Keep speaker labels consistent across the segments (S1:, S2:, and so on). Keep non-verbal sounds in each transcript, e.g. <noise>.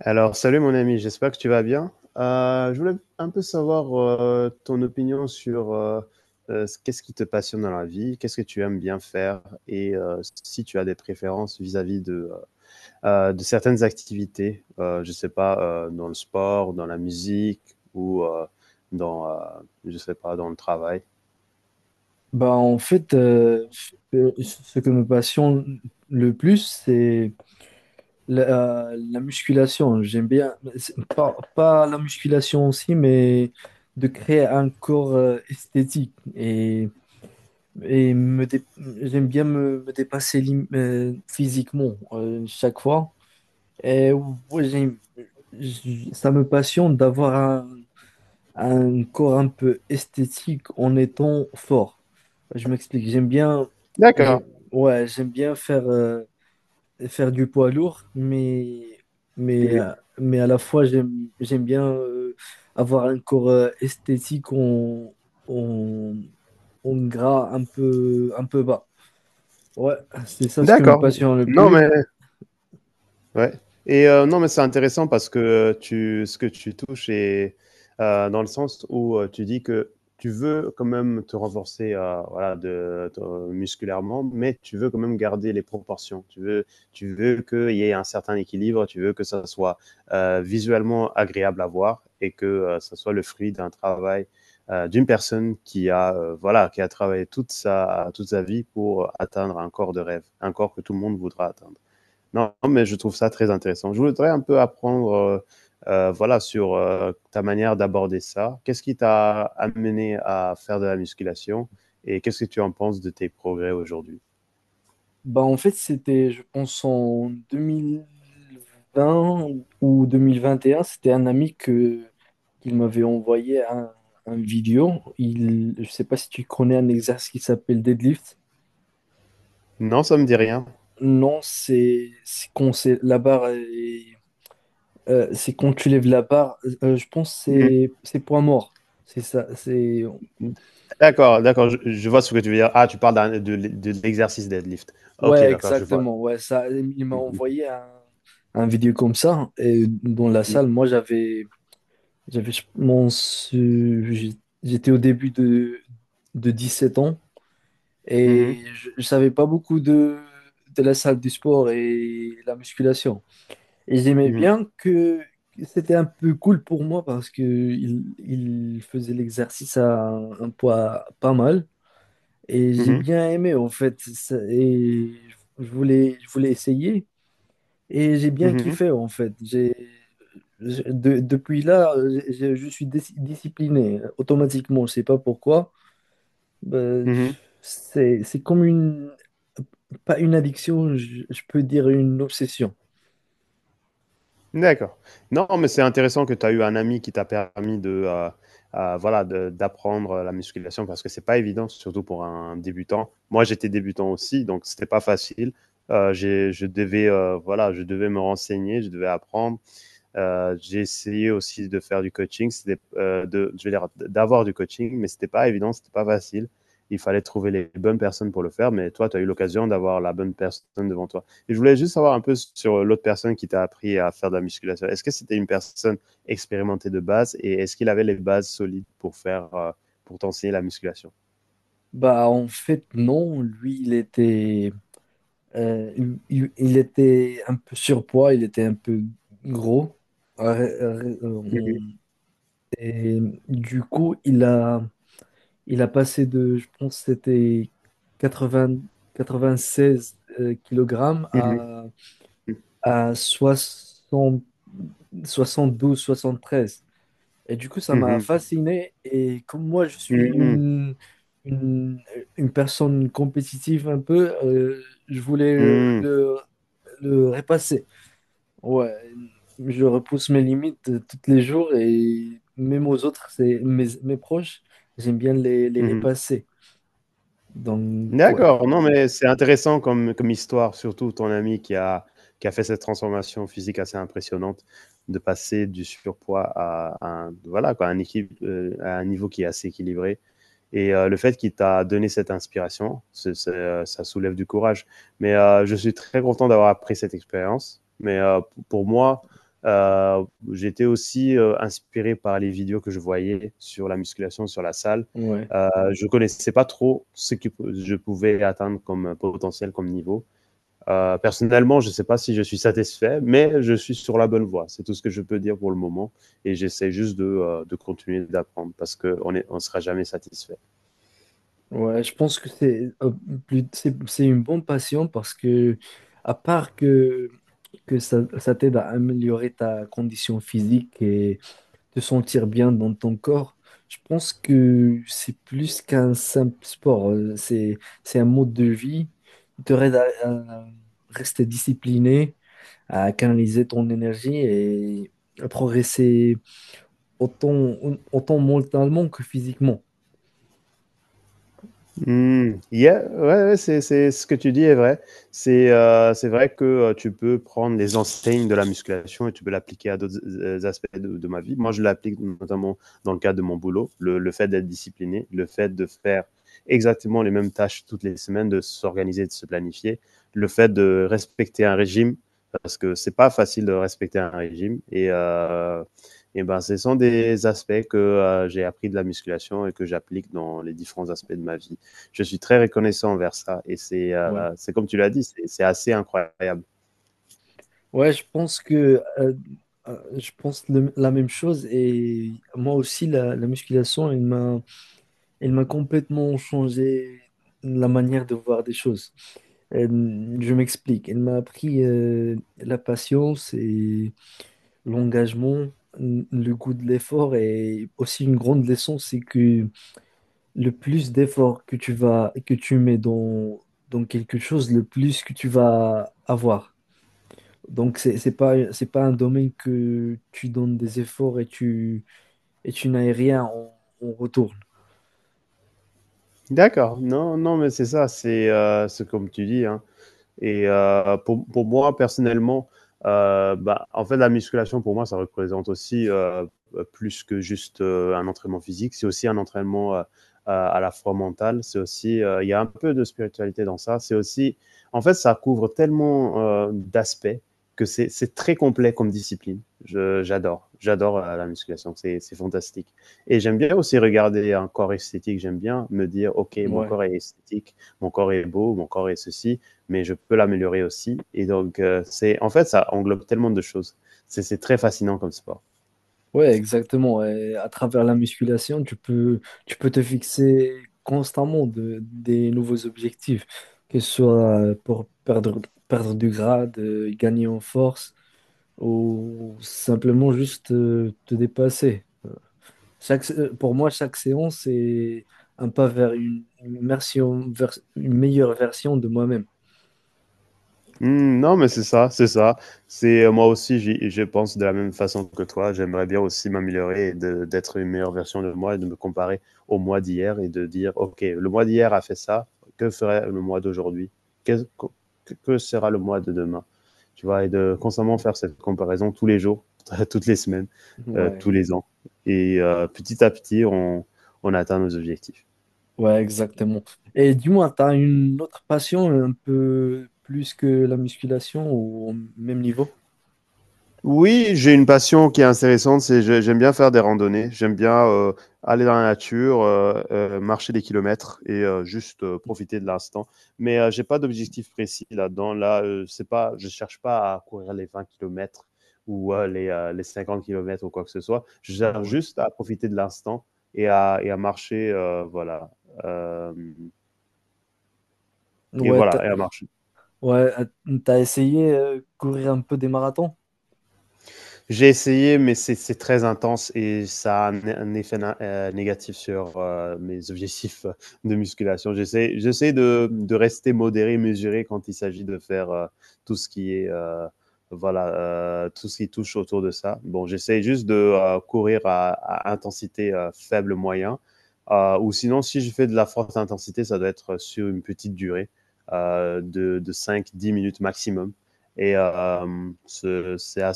S1: Alors, salut mon ami, j'espère que tu vas bien. Je voulais un peu savoir ton opinion sur qu'est-ce qui te passionne dans la vie, qu'est-ce que tu aimes bien faire et si tu as des préférences vis-à-vis de certaines activités, je sais pas, dans le sport, dans la musique ou dans, euh, je sais pas, dans le travail.
S2: Bah, en fait, ce que me passionne le plus, c'est la musculation. J'aime bien, c'est pas la musculation aussi, mais de créer un corps esthétique. Et j'aime bien me dépasser physiquement chaque fois. Et ouais, ça me passionne d'avoir un corps un peu esthétique en étant fort. Je m'explique, j'aime,
S1: D'accord.
S2: ouais, j'aime bien faire du poids lourd,
S1: Mhm.
S2: mais à la fois, j'aime bien avoir un corps esthétique en, en gras un peu bas. Ouais, c'est ça ce qui me
S1: D'accord.
S2: passionne le
S1: Non,
S2: plus.
S1: mais. Ouais. Et non, mais c'est intéressant parce que, tu ce que tu touches est, dans le sens où, tu dis que tu veux quand même te renforcer, voilà, de te musculairement, mais tu veux quand même garder les proportions. Tu veux qu'il y ait un certain équilibre, tu veux que ça soit, visuellement agréable à voir et que, ça soit le fruit d'un travail, d'une personne qui a, voilà, qui a travaillé toute sa vie pour atteindre un corps de rêve, un corps que tout le monde voudra atteindre. Non, mais je trouve ça très intéressant. Je voudrais un peu apprendre, voilà, sur ta manière d'aborder ça. Qu'est-ce qui t'a amené à faire de la musculation et qu'est-ce que tu en penses de tes progrès aujourd'hui?
S2: Bah, en fait, c'était, je pense, en 2020 ou 2021, c'était un ami qu'il m'avait envoyé un vidéo. Je sais pas si tu connais un exercice qui s'appelle deadlift.
S1: Non, ça me dit rien.
S2: Non, c'est quand c'est la barre c'est quand tu lèves la barre, je pense que
S1: Mmh.
S2: c'est poids mort. C'est ça, c'est
S1: D'accord, d'accord, je vois ce que tu veux dire. Ah, tu parles de l'exercice deadlift. Ok,
S2: ouais,
S1: d'accord, je vois.
S2: exactement. Ouais, ça il m'a
S1: Mmh
S2: envoyé un vidéo comme ça et dans la
S1: mh.
S2: salle, moi j'avais j'avais, je pense, j'étais au début de 17 ans
S1: Mmh
S2: et
S1: mh.
S2: je savais pas beaucoup de la salle du sport et la musculation. Et j'aimais
S1: Mmh mh.
S2: bien que c'était un peu cool pour moi parce que il faisait l'exercice à un poids pas mal et j'ai
S1: Mmh.
S2: bien aimé en fait. Et je voulais essayer. Et j'ai bien
S1: Mmh.
S2: kiffé en fait. Depuis là, je suis discipliné automatiquement. Je sais pas pourquoi. Euh,
S1: Mmh.
S2: c'est comme pas une addiction, je peux dire une obsession.
S1: D'accord. Non, mais c'est intéressant que tu as eu un ami qui t'a permis de, voilà, de d'apprendre la musculation parce que c'est pas évident, surtout pour un débutant. Moi, j'étais débutant aussi, donc c'était pas facile. J'ai Je devais, voilà, je devais me renseigner, je devais apprendre. J'ai essayé aussi de faire du coaching, c'était de, je vais dire d'avoir du coaching, mais c'était pas évident, c'était pas facile. Il fallait trouver les bonnes personnes pour le faire, mais toi, tu as eu l'occasion d'avoir la bonne personne devant toi. Et je voulais juste savoir un peu sur l'autre personne qui t'a appris à faire de la musculation. Est-ce que c'était une personne expérimentée de base et est-ce qu'il avait les bases solides pour faire, pour t'enseigner la musculation.
S2: Bah en fait non, lui il était, euh, il était un peu surpoids, il était un peu gros. Euh, euh, euh,
S1: Mhm,
S2: Et du coup il a passé de, je pense, que c'était 80, 96 kilogrammes à 72 73. Et du coup, ça m'a
S1: mhm,
S2: fasciné. Et comme moi, je suis
S1: mhm,
S2: une, une personne compétitive un peu. Je voulais
S1: mhm,
S2: le repasser. Ouais, je repousse mes limites tous les jours et même aux autres, c'est mes proches, j'aime bien les
S1: mhm.
S2: repasser. Donc, ouais,
S1: D'accord, non, mais c'est intéressant comme histoire, surtout ton ami qui a fait cette transformation physique assez impressionnante, de passer du surpoids à un voilà quoi, un équipe, à un niveau qui est assez équilibré et le fait qu'il t'a donné cette inspiration, ça soulève du courage. Mais je suis très content d'avoir appris cette expérience. Mais pour moi, euh, j'étais aussi inspiré par les vidéos que je voyais sur la musculation, sur la salle.
S2: ouais,
S1: Euh, je connaissais pas trop ce que je pouvais atteindre comme potentiel, comme niveau. Personnellement, je ne sais pas si je suis satisfait, mais je suis sur la bonne voie. C'est tout ce que je peux dire pour le moment. Et j'essaie juste de continuer d'apprendre parce qu'on ne sera jamais satisfait.
S2: ouais, je pense que c'est c'est une bonne passion parce que, à part que ça t'aide à améliorer ta condition physique et te sentir bien dans ton corps, je pense que c'est plus qu'un simple sport. C'est un mode de vie qui te aide à rester discipliné, à canaliser ton énergie et à progresser autant, autant mentalement que physiquement.
S1: Mmh, yeah, ouais, ouais, c'est ce que tu dis est vrai. C'est vrai que, tu peux prendre les enseignes de la musculation et tu peux l'appliquer à d'autres z aspects de ma vie. Moi, je l'applique notamment dans le cadre de mon boulot, le fait d'être discipliné, le fait de faire exactement les mêmes tâches toutes les semaines, de s'organiser, de se planifier, le fait de respecter un régime parce que c'est pas facile de respecter un régime et ben, ce sont des aspects que, j'ai appris de la musculation et que j'applique dans les différents aspects de ma vie je suis très reconnaissant envers ça. Et c'est comme tu l'as dit, c'est, assez incroyable.
S2: Ouais, je pense que je pense la même chose et moi aussi la musculation, elle m'a complètement changé la manière de voir des choses. Euh, je m'explique, elle m'a appris la patience et l'engagement, le goût de l'effort et aussi une grande leçon, c'est que le plus d'efforts que tu mets dans quelque chose, le plus que tu vas avoir. Donc, c'est pas un domaine que tu donnes des efforts et et tu n'as rien en retour.
S1: D'accord. Non, non, mais c'est ça, c'est comme tu dis. Hein. Et moi, personnellement, en fait, la musculation, pour moi, ça représente aussi plus que juste un entraînement physique. C'est aussi un entraînement à la fois mental. C'est aussi, il y a un peu de spiritualité dans ça. C'est aussi, en fait, ça couvre tellement d'aspects que c'est très complet comme discipline. J'adore la musculation, c'est fantastique. Et j'aime bien aussi regarder un corps esthétique, j'aime bien me dire, ok, mon
S2: Ouais.
S1: corps est esthétique, mon corps est beau, mon corps est ceci, mais je peux l'améliorer aussi. Et donc, c'est en fait, ça englobe tellement de choses. C'est très fascinant comme sport.
S2: Ouais, exactement. Et à travers la musculation, tu peux te fixer constamment des nouveaux objectifs, que ce soit pour perdre du gras, de gagner en force ou simplement juste te dépasser. Pour moi, chaque séance, c'est un pas vers une version, une meilleure version de moi-même.
S1: Mmh, non, mais c'est ça, c'est ça. C'est moi aussi, je pense de la même façon que toi. J'aimerais bien aussi m'améliorer et d'être une meilleure version de moi et de me comparer au mois d'hier et de dire, OK, le mois d'hier a fait ça, que ferait le mois d'aujourd'hui? Qu'est- co- que sera le mois de demain? Tu vois, et de constamment faire cette comparaison tous les jours, <laughs> toutes les semaines,
S2: Ouais,
S1: tous les ans. Et petit à petit, on atteint nos objectifs.
S2: ouais, exactement. Et dis-moi, tu as une autre passion un peu plus que la musculation ou au même niveau?
S1: Oui, j'ai une passion qui est intéressante, c'est je j'aime bien faire des randonnées, j'aime bien, aller dans la nature, marcher des kilomètres et profiter de l'instant. Mais j'ai pas d'objectif précis là-dedans. Là, c'est pas je cherche pas à courir les 20 kilomètres ou les 50 kilomètres ou quoi que ce soit. Je cherche
S2: Ouais.
S1: juste à profiter de l'instant et à marcher, voilà, hem et
S2: Ouais,
S1: voilà et à marcher.
S2: ouais, t'as essayé courir un peu des marathons?
S1: J'ai essayé, mais c'est très intense et ça a un effet négatif sur mes objectifs de musculation. J'essaie de rester modéré, mesuré quand il s'agit de faire tout ce qui est, voilà, tout ce qui touche autour de ça. Bon, j'essaie juste de courir à intensité faible moyen. Ou sinon, si je fais de la forte intensité, ça doit être sur une petite durée de 5-10 minutes maximum. Et c'est à,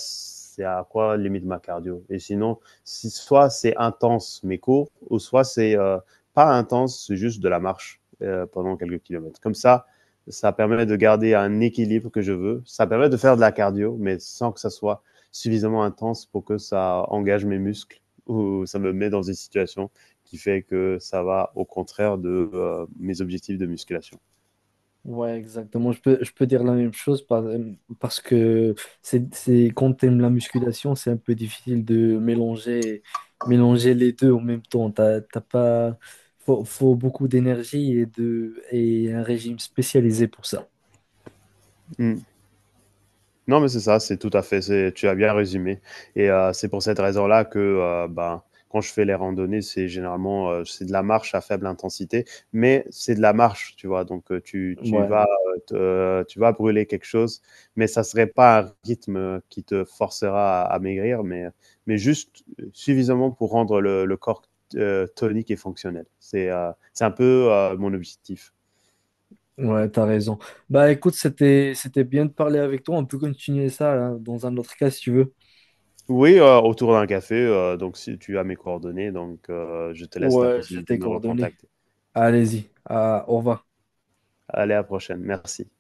S1: à quoi limite ma cardio. Et sinon, si, soit c'est intense mais court, ou soit c'est pas intense, c'est juste de la marche pendant quelques kilomètres. Comme ça permet de garder un équilibre que je veux. Ça permet de faire de la cardio, mais sans que ça soit suffisamment intense pour que ça engage mes muscles <laughs> ou ça me met dans une situation qui fait que ça va au contraire de mes objectifs de musculation.
S2: Ouais, exactement. Je peux dire la même chose parce que quand t'aimes la musculation, c'est un peu difficile de mélanger les deux en même temps. T'as pas, faut beaucoup d'énergie et et un régime spécialisé pour ça.
S1: Mm. Non, mais c'est ça, c'est tout à fait, c'est tu as bien résumé et c'est pour cette raison-là que, ben, quand je fais les randonnées, c'est généralement, c'est de la marche à faible intensité, mais c'est de la marche, tu vois? Donc tu vas,
S2: Ouais.
S1: te tu vas brûler quelque chose, mais ça serait pas un rythme, qui te forcera à maigrir, mais juste, suffisamment pour rendre le corps, tonique et fonctionnel. C'est un peu, mon objectif.
S2: Ouais, t'as raison. Bah écoute, c'était bien de parler avec toi. On peut continuer ça hein, dans un autre cas si tu veux.
S1: Oui, autour d'un café, donc si tu as mes coordonnées, donc je te laisse la
S2: Ouais, j'ai
S1: possibilité
S2: tes
S1: de me
S2: coordonnées.
S1: recontacter.
S2: Allez-y. Ah, au revoir.
S1: Allez, à la prochaine, merci.